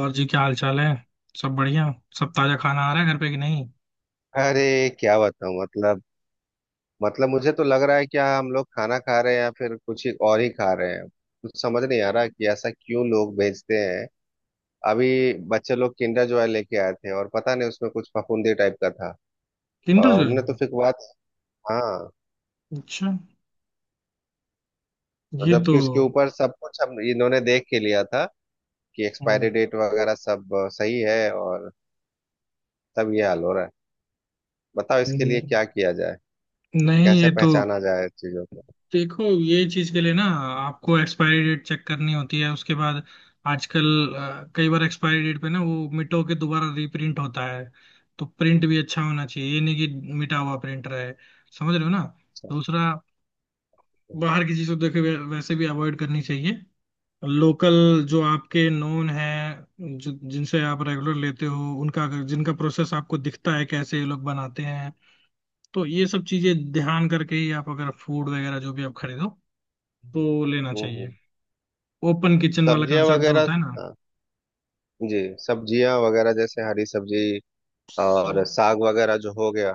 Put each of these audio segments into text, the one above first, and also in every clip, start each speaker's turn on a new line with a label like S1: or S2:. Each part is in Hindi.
S1: और जी क्या हाल चाल है। सब बढ़िया। सब ताजा खाना आ रहा है घर पे कि नहीं।
S2: अरे। क्या बताऊं, मतलब मुझे तो लग रहा है कि हाँ, हम लोग खाना खा रहे हैं या फिर कुछ ही और ही खा रहे हैं, कुछ समझ नहीं आ रहा कि ऐसा क्यों लोग भेजते हैं। अभी बच्चे लोग किंडर जॉय लेके आए थे और पता नहीं उसमें कुछ फफूंदी टाइप का था।
S1: किंडर
S2: और
S1: जो है।
S2: हमने तो फिर बात, हाँ,
S1: अच्छा। ये तो।
S2: जबकि उसके ऊपर सब कुछ हम इन्होंने देख के लिया था कि एक्सपायरी
S1: हम्म,
S2: डेट वगैरह सब सही है, और तब ये हाल हो रहा है। बताओ इसके
S1: हम्म।
S2: लिए क्या किया जाए,
S1: नहीं
S2: कैसे
S1: ये तो।
S2: पहचाना जाए चीजों को।
S1: देखो ये चीज के लिए ना आपको एक्सपायरी डेट चेक करनी होती है उसके बाद। आजकल कई बार एक्सपायरी डेट पे ना वो मिटो के दोबारा रीप्रिंट होता है। तो प्रिंट भी अच्छा होना चाहिए ये नहीं कि मिटा हुआ प्रिंट रहे। समझ रहे हो ना।
S2: अच्छा,
S1: दूसरा।
S2: तो,
S1: बाहर की चीजों देखे वैसे भी अवॉइड करनी चाहिए। लोकल जो आपके नोन हैं जो जिनसे आप रेगुलर लेते हो उनका जिनका प्रोसेस आपको दिखता है कैसे ये लोग बनाते हैं। तो ये सब चीजें ध्यान करके ही आप अगर फूड वगैरह जो भी आप खरीदो तो लेना चाहिए।
S2: हम्म,
S1: ओपन किचन वाला
S2: सब्जियां
S1: कंसेप्ट जो
S2: वगैरह,
S1: होता है ना।
S2: हाँ, जी। सब्जियां वगैरह जैसे हरी सब्जी और
S1: सब-
S2: साग वगैरह जो हो गया,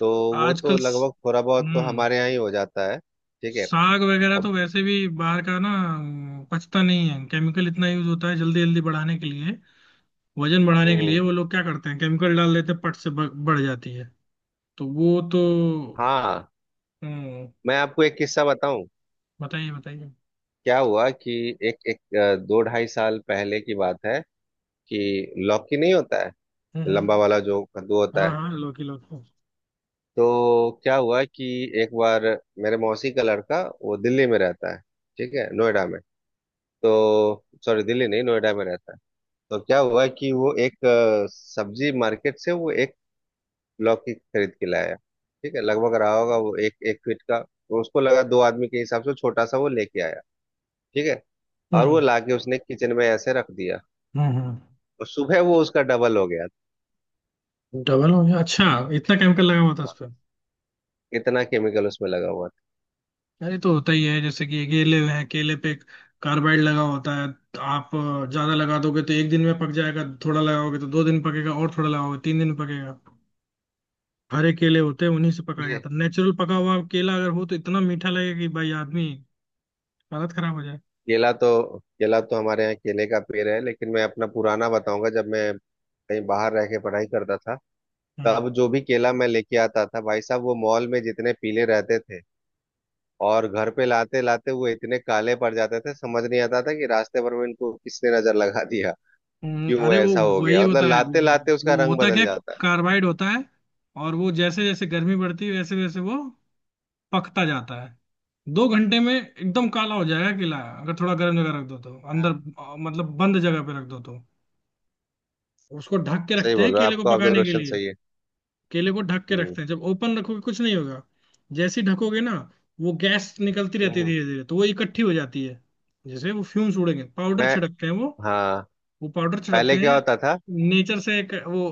S2: तो वो तो
S1: आजकल स-
S2: लगभग थोड़ा बहुत तो
S1: हम्म
S2: हमारे यहाँ ही हो जाता है, ठीक है।
S1: साग वगैरह तो
S2: अब
S1: वैसे भी बाहर का ना पचता नहीं है। केमिकल इतना यूज होता है जल्दी जल्दी बढ़ाने के लिए। वजन बढ़ाने के लिए
S2: हम्म,
S1: वो लोग क्या करते हैं केमिकल डाल देते हैं पट से बढ़ जाती है। तो वो तो।
S2: हाँ,
S1: हम्म।
S2: मैं आपको एक किस्सा बताऊं।
S1: बताइए बताइए।
S2: क्या हुआ कि एक एक अ, दो ढाई साल पहले की बात है कि लौकी नहीं होता है,
S1: हम्म,
S2: लंबा
S1: हम्म।
S2: वाला जो कद्दू होता
S1: हाँ
S2: है।
S1: हाँ लौकी लौकी।
S2: तो क्या हुआ कि एक बार मेरे मौसी का लड़का, वो दिल्ली में रहता है, ठीक है, नोएडा में, तो सॉरी दिल्ली नहीं नोएडा में रहता है। तो क्या हुआ कि वो एक सब्जी मार्केट से वो एक लौकी खरीद के लाया। ठीक है, लगभग रहा होगा वो एक एक फीट का, तो उसको लगा दो आदमी के हिसाब से छोटा सा, वो लेके आया, ठीक है। और वो
S1: हम्म,
S2: लाके उसने किचन में ऐसे रख दिया,
S1: हम्म, हम्म।
S2: तो सुबह वो उसका डबल हो गया
S1: डबल हो गया अच्छा। इतना केमिकल लगा हुआ था उस
S2: था।
S1: पे।
S2: इतना केमिकल उसमें लगा हुआ था।
S1: अरे तो होता ही है जैसे कि केले हैं केले पे कार्बाइड लगा होता है। तो आप ज्यादा लगा दोगे तो एक दिन में पक जाएगा। थोड़ा लगाओगे तो 2 दिन पकेगा और थोड़ा लगाओगे 3 दिन पकेगा। हरे केले होते हैं उन्हीं से पकाया जाता
S2: ये
S1: है। नेचुरल पका हुआ केला अगर हो तो इतना मीठा लगेगा कि भाई आदमी हालत खराब हो
S2: केला तो केला तो हमारे यहाँ केले का पेड़ है, लेकिन मैं अपना पुराना बताऊंगा जब मैं कहीं बाहर रह के पढ़ाई करता था।
S1: जाए।
S2: तब जो भी केला मैं लेके आता था, भाई साहब, वो मॉल में जितने पीले रहते थे, और घर पे लाते लाते वो इतने काले पड़ जाते थे, समझ नहीं आता था कि रास्ते भर में इनको किसने नजर लगा दिया, क्यों
S1: अरे वो
S2: ऐसा हो
S1: वही
S2: गया। मतलब
S1: होता है।
S2: लाते लाते उसका
S1: वो
S2: रंग
S1: होता
S2: बदल
S1: क्या
S2: जाता है।
S1: कार्बाइड होता है। और वो जैसे जैसे गर्मी बढ़ती है वैसे वैसे वो पकता जाता है। 2 घंटे में एकदम काला हो जाएगा किला अगर थोड़ा गर्म जगह रख दो तो अंदर
S2: हाँ,
S1: मतलब बंद जगह पे रख दो तो उसको ढक के
S2: सही
S1: रखते हैं
S2: बोल रहे हो,
S1: केले को
S2: आपका
S1: पकाने के
S2: ऑब्जर्वेशन
S1: लिए।
S2: सही है।
S1: केले को ढक के
S2: हम्म
S1: रखते हैं जब ओपन रखोगे कुछ नहीं होगा। जैसे ही ढकोगे ना वो गैस निकलती रहती है
S2: हम्म।
S1: धीरे धीरे तो वो इकट्ठी हो जाती है। जैसे वो फ्यूम्स उड़ेंगे पाउडर
S2: मैं,
S1: छिड़कते हैं वो।
S2: हाँ,
S1: वो पाउडर छिड़कते
S2: पहले क्या
S1: हैं।
S2: होता था,
S1: नेचर से एक वो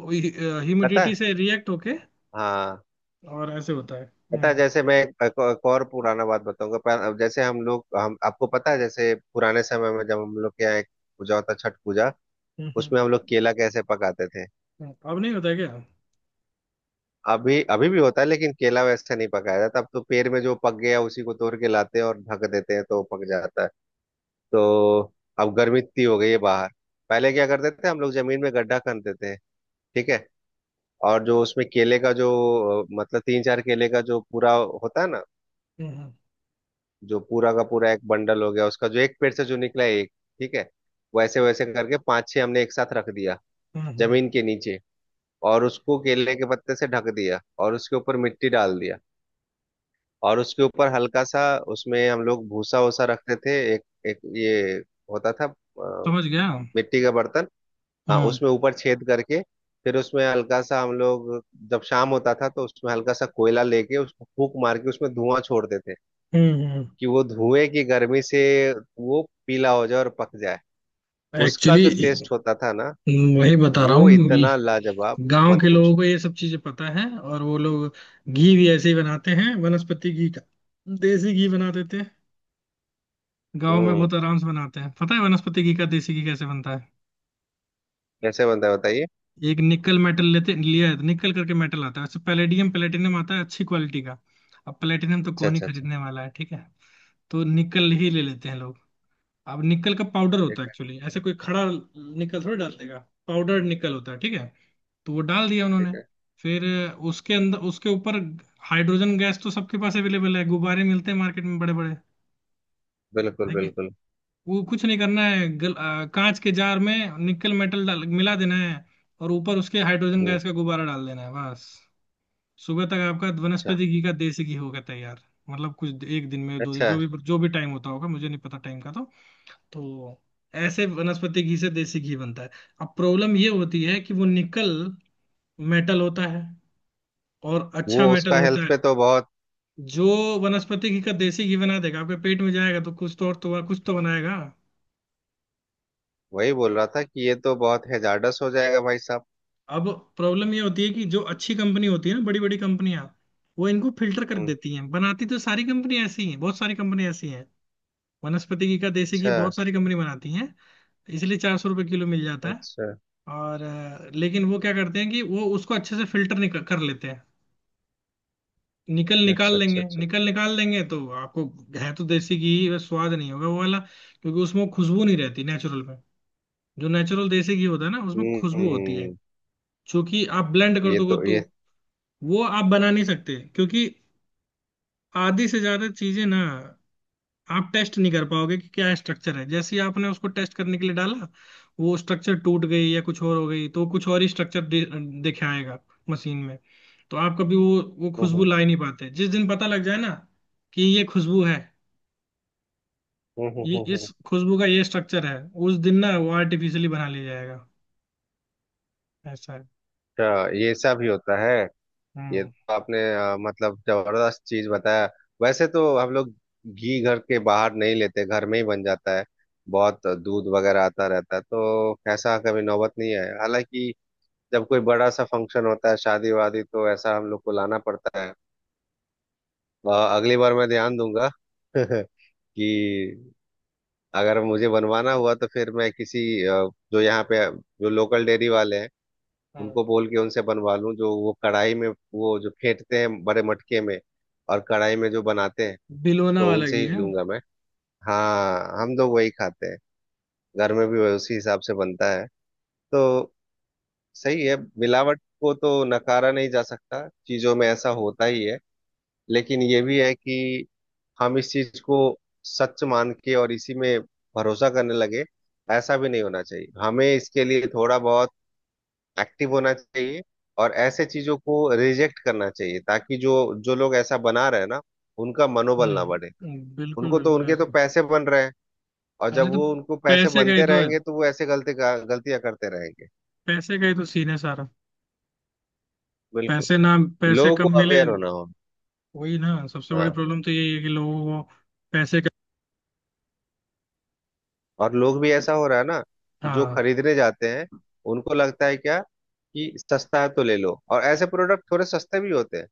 S2: पता
S1: ह्यूमिडिटी
S2: है।
S1: से रिएक्ट होके
S2: हाँ,
S1: और ऐसे होता है।
S2: पता है,
S1: हम्म,
S2: जैसे मैं एक और पुराना बात बताऊंगा, जैसे हम आपको पता है, जैसे पुराने समय में जब हम लोग के यहाँ एक पूजा होता, छठ पूजा,
S1: हम्म,
S2: उसमें हम लोग केला कैसे पकाते थे।
S1: अब नहीं होता है क्या।
S2: अभी अभी भी होता है, लेकिन केला वैसे नहीं पकाया जाता, अब तो पेड़ में जो पक गया उसी को तोड़ के लाते हैं और ढक देते हैं तो वो पक जाता है। तो अब गर्मी इतनी हो गई है बाहर। पहले क्या करते थे हम लोग, जमीन में गड्ढा खन देते हैं, ठीक है। और जो उसमें केले का जो मतलब तीन चार केले का जो पूरा होता है ना,
S1: हम्म,
S2: जो पूरा का पूरा एक बंडल हो गया, उसका जो एक पेड़ से जो निकला है एक, ठीक है, वैसे वैसे करके पांच छह हमने एक साथ रख दिया,
S1: हम्म, हम्म।
S2: जमीन के नीचे। और उसको केले के पत्ते से ढक दिया, और उसके ऊपर मिट्टी डाल दिया, और उसके ऊपर हल्का सा, उसमें हम लोग भूसा वूसा रखते थे, एक एक ये होता था,
S1: समझ गया।
S2: मिट्टी का बर्तन, हाँ,
S1: हम्म,
S2: उसमें ऊपर छेद करके, फिर उसमें हल्का सा हम लोग, जब शाम होता था तो उसमें हल्का सा कोयला लेके उसको फूक मार के उसमें धुआं छोड़ते थे,
S1: हम्म।
S2: कि वो धुएं की गर्मी से वो पीला हो जाए और पक जाए। उसका
S1: एक्चुअली
S2: जो टेस्ट होता था ना,
S1: वही बता रहा
S2: वो
S1: हूँ।
S2: इतना लाजवाब,
S1: गांव
S2: मत
S1: के लोगों
S2: पूछो।
S1: को ये सब चीजें पता है और वो लोग घी भी ऐसे ही बनाते हैं। वनस्पति घी का देसी घी बना देते हैं। गांव में
S2: हम्म,
S1: बहुत आराम से बनाते हैं। पता है वनस्पति घी का देसी घी कैसे बनता है।
S2: कैसे बनता है, बताइए।
S1: एक निकल मेटल लेते लिया है निकल करके मेटल आता है अच्छा पैलेडियम प्लेटिनम आता है अच्छी क्वालिटी का। अब प्लेटिनम तो
S2: अच्छा,
S1: कौन ही
S2: अच्छा, अच्छा,
S1: खरीदने वाला है ठीक है। तो निकल ही ले लेते हैं लोग। अब निकल का पाउडर
S2: ठीक
S1: होता है
S2: है,
S1: एक्चुअली ऐसे कोई खड़ा निकल थोड़ी डाल देगा। पाउडर निकल होता है ठीक है। तो वो डाल दिया
S2: ठीक
S1: उन्होंने।
S2: है,
S1: फिर उसके अंदर उसके ऊपर हाइड्रोजन गैस तो सबके पास अवेलेबल है। गुब्बारे मिलते हैं मार्केट में बड़े बड़े
S2: बिल्कुल
S1: ठीक है कि
S2: बिल्कुल।
S1: वो कुछ नहीं करना है कांच के जार में निकल मेटल डाल मिला देना है। और ऊपर उसके हाइड्रोजन
S2: हम्म,
S1: गैस का गुब्बारा डाल देना है बस। सुबह तक आपका
S2: अच्छा,
S1: वनस्पति घी का देसी घी हो गया तैयार। मतलब कुछ एक दिन में 2 दिन
S2: अच्छा,
S1: जो भी टाइम होता होगा मुझे नहीं पता टाइम का तो। तो ऐसे वनस्पति घी से देसी घी बनता है। अब प्रॉब्लम ये होती है कि वो निकल मेटल होता है और अच्छा
S2: वो
S1: मेटल
S2: उसका
S1: होता
S2: हेल्थ
S1: है।
S2: पे तो बहुत,
S1: जो वनस्पति घी का देसी घी बना देगा आपके पेट में जाएगा तो कुछ तो और तो कुछ तो बनाएगा।
S2: वही बोल रहा था कि ये तो बहुत हैजार्डस हो जाएगा, भाई साहब।
S1: अब प्रॉब्लम ये होती है कि जो अच्छी कंपनी होती है ना बड़ी बड़ी कंपनियां वो इनको फिल्टर कर
S2: हम्म,
S1: देती हैं। बनाती तो सारी कंपनी ऐसी हैं बहुत सारी कंपनी ऐसी हैं। वनस्पति घी का देसी घी
S2: अच्छा,
S1: बहुत सारी कंपनी बनाती हैं। इसलिए 400 रुपये किलो मिल जाता है।
S2: अच्छा,
S1: और लेकिन वो क्या करते हैं कि वो उसको अच्छे से फिल्टर निकल कर लेते हैं। निकल निकाल
S2: अच्छा, अच्छा,
S1: लेंगे
S2: अच्छा, अच्छा।
S1: निकल निकाल लेंगे तो आपको है तो देसी घी ही, बस स्वाद नहीं होगा वो वाला। क्योंकि उसमें वो खुशबू नहीं रहती नेचुरल में। जो नेचुरल देसी घी होता है ना उसमें खुशबू होती है।
S2: हम्म,
S1: क्योंकि आप ब्लेंड कर
S2: ये
S1: दोगे
S2: तो
S1: तो
S2: ये,
S1: वो आप बना नहीं सकते क्योंकि आधी से ज्यादा चीजें ना आप टेस्ट नहीं कर पाओगे कि क्या स्ट्रक्चर है। जैसे ही आपने उसको टेस्ट करने के लिए डाला वो स्ट्रक्चर टूट गई या कुछ और हो गई तो कुछ और ही स्ट्रक्चर दिखाएगा मशीन में। तो आप कभी वो
S2: हम्म
S1: खुशबू
S2: हम्म
S1: ला ही नहीं पाते। जिस दिन पता लग जाए ना कि ये खुशबू है
S2: हम्म,
S1: ये इस खुशबू का ये स्ट्रक्चर है उस दिन ना वो आर्टिफिशियली बना लिया जाएगा। ऐसा है।
S2: अच्छा, ये सब ही होता है। ये
S1: हम्म।
S2: तो आपने मतलब जबरदस्त चीज बताया। वैसे तो हम लोग घी घर के बाहर नहीं लेते, घर में ही बन जाता है, बहुत दूध वगैरह आता रहता है, तो ऐसा कभी नौबत नहीं आया। हालांकि जब कोई बड़ा सा फंक्शन होता है, शादी वादी, तो ऐसा हम लोग को लाना पड़ता है। अ, अगली बार मैं ध्यान दूंगा कि अगर मुझे बनवाना हुआ तो फिर मैं किसी जो यहाँ पे जो लोकल डेयरी वाले हैं,
S1: हाँ।
S2: उनको बोल के उनसे बनवा लूँ, जो वो कढ़ाई में वो जो फेंटते हैं बड़े मटके में, और कढ़ाई में जो बनाते हैं,
S1: बिलोना
S2: तो
S1: वाला
S2: उनसे
S1: घी
S2: ही
S1: है।
S2: लूंगा मैं। हाँ, हम लोग वही खाते हैं, घर में भी वही उसी हिसाब से बनता है। तो सही है, मिलावट को तो नकारा नहीं जा सकता, चीजों में ऐसा होता ही है। लेकिन ये भी है कि हम इस चीज को सच मान के और इसी में भरोसा करने लगे, ऐसा भी नहीं होना चाहिए। हमें इसके लिए थोड़ा बहुत एक्टिव होना चाहिए, और ऐसे चीजों को रिजेक्ट करना चाहिए, ताकि जो जो लोग ऐसा बना रहे हैं ना, उनका मनोबल ना बढ़े।
S1: हम्म। बिल्कुल
S2: उनको तो,
S1: बिल्कुल
S2: उनके
S1: ऐसे।
S2: तो पैसे बन रहे हैं, और जब
S1: अरे तो
S2: वो उनको पैसे
S1: पैसे का ही
S2: बनते
S1: तो है।
S2: रहेंगे तो वो ऐसे गलती गलतियां करते रहेंगे।
S1: पैसे का ही तो सीन है सारा।
S2: बिल्कुल,
S1: पैसे ना पैसे
S2: लोगों को
S1: कम मिले।
S2: अवेयर होना हो।
S1: वही ना सबसे बड़ी
S2: हाँ,
S1: प्रॉब्लम तो यही है कि लोगों को पैसे का।
S2: और लोग भी ऐसा हो रहा है ना कि जो
S1: हाँ।
S2: खरीदने जाते हैं, उनको लगता है क्या कि सस्ता है तो ले लो, और ऐसे प्रोडक्ट थोड़े सस्ते भी होते हैं,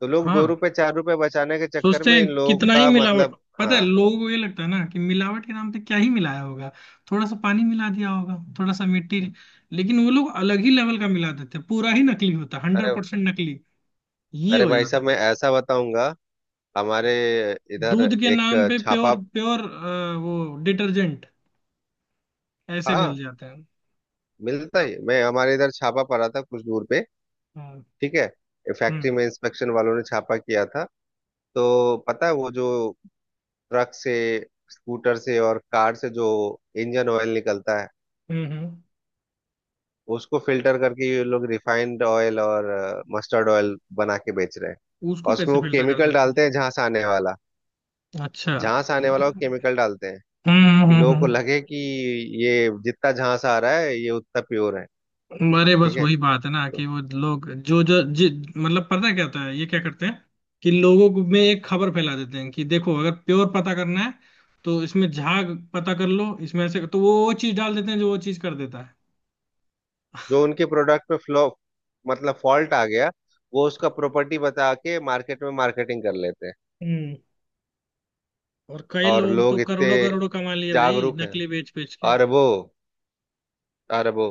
S2: तो लोग दो
S1: हाँ।
S2: रुपए चार रुपए बचाने के चक्कर
S1: सोचते
S2: में
S1: हैं
S2: इन लोगों
S1: कितना ही
S2: का,
S1: मिलावट
S2: मतलब,
S1: पता है
S2: हाँ।
S1: लोगों को ये लगता है ना कि मिलावट के नाम पे क्या ही मिलाया होगा। थोड़ा सा पानी मिला दिया होगा थोड़ा सा मिट्टी। लेकिन वो लोग अलग ही लेवल का मिला देते हैं पूरा ही नकली होता है
S2: अरे,
S1: 100% नकली। ये
S2: अरे
S1: हो
S2: भाई
S1: जाता
S2: साहब मैं
S1: है।
S2: ऐसा बताऊंगा। हमारे इधर
S1: दूध के नाम
S2: एक
S1: पे
S2: छापा,
S1: प्योर प्योर वो डिटर्जेंट ऐसे मिल
S2: हाँ,
S1: जाते हैं।
S2: मिलता ही, मैं हमारे इधर छापा पड़ा था कुछ दूर पे,
S1: हम्म,
S2: ठीक है, फैक्ट्री
S1: हम्म,
S2: में इंस्पेक्शन वालों ने छापा किया था। तो पता है, वो जो ट्रक से, स्कूटर से और कार से जो इंजन ऑयल निकलता है,
S1: हम्म,
S2: उसको फिल्टर करके ये लोग रिफाइंड ऑयल और मस्टर्ड ऑयल बना के बेच रहे हैं।
S1: उसको
S2: और उसमें
S1: कैसे
S2: वो
S1: फिल्टर कर
S2: केमिकल
S1: देते
S2: डालते हैं झांस आने वाला,
S1: हैं अच्छा।
S2: झांस आने वाला वो
S1: हम्म,
S2: केमिकल डालते हैं,
S1: हम्म,
S2: कि
S1: हम्म,
S2: लोगों को लगे कि ये जितना झांस आ रहा है ये उतना प्योर है।
S1: अरे बस
S2: ठीक है।
S1: वही बात है ना कि
S2: तो
S1: वो लोग जो जो जि, मतलब पता है क्या होता है ये क्या करते हैं। कि लोगों को में एक खबर फैला देते हैं कि देखो अगर प्योर पता करना है तो इसमें झाग पता कर लो। इसमें ऐसे तो वो चीज डाल देते हैं जो वो चीज कर देता है।
S2: जो उनके प्रोडक्ट पे फ्लॉ, मतलब फॉल्ट आ गया, वो उसका प्रॉपर्टी बता के मार्केट में मार्केटिंग कर लेते हैं।
S1: हम्म। और कई
S2: और
S1: लोग तो
S2: लोग इतने
S1: करोड़ों करोड़ों कमा लिए भाई
S2: जागरूक हैं।
S1: नकली बेच बेच के।
S2: अरबों, अरबों,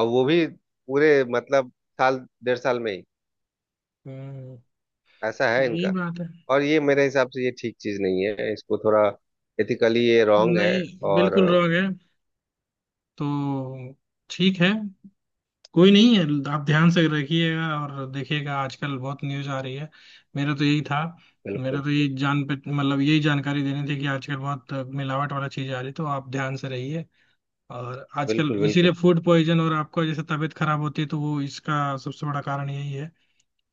S2: और वो भी पूरे, मतलब, साल 1.5 साल में ही
S1: हम्म।
S2: ऐसा है
S1: यही
S2: इनका।
S1: बात है।
S2: और ये मेरे हिसाब से ये ठीक चीज नहीं है, इसको थोड़ा एथिकली ये रॉन्ग है।
S1: नहीं
S2: और
S1: बिल्कुल रॉन्ग है। तो ठीक है कोई नहीं है। आप ध्यान से रखिएगा और देखिएगा आजकल बहुत न्यूज आ रही है। मेरा तो यही था। मेरा
S2: बिल्कुल
S1: तो यही जान पे मतलब यही जानकारी देनी थी कि आजकल बहुत मिलावट वाला चीज आ रही है तो आप ध्यान से रहिए। और आजकल
S2: बिल्कुल, बिल्कुल
S1: इसीलिए फूड पॉइजन और आपका जैसे तबीयत खराब होती है तो वो इसका सबसे बड़ा कारण यही है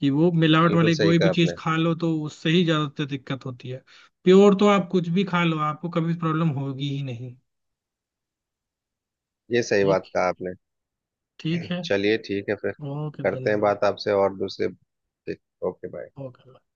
S1: कि वो मिलावट
S2: बिल्कुल
S1: वाली
S2: सही
S1: कोई
S2: कहा
S1: भी चीज
S2: आपने,
S1: खा लो तो उससे ही ज्यादातर दिक्कत होती है। प्योर तो आप कुछ भी खा लो आपको कभी प्रॉब्लम होगी ही नहीं।
S2: ये सही
S1: ठीक
S2: बात कहा आपने।
S1: ठीक है।
S2: चलिए, ठीक है फिर,
S1: ओके
S2: करते हैं
S1: धन्यवाद
S2: बात आपसे और दूसरे, ओके बाय।
S1: ओके।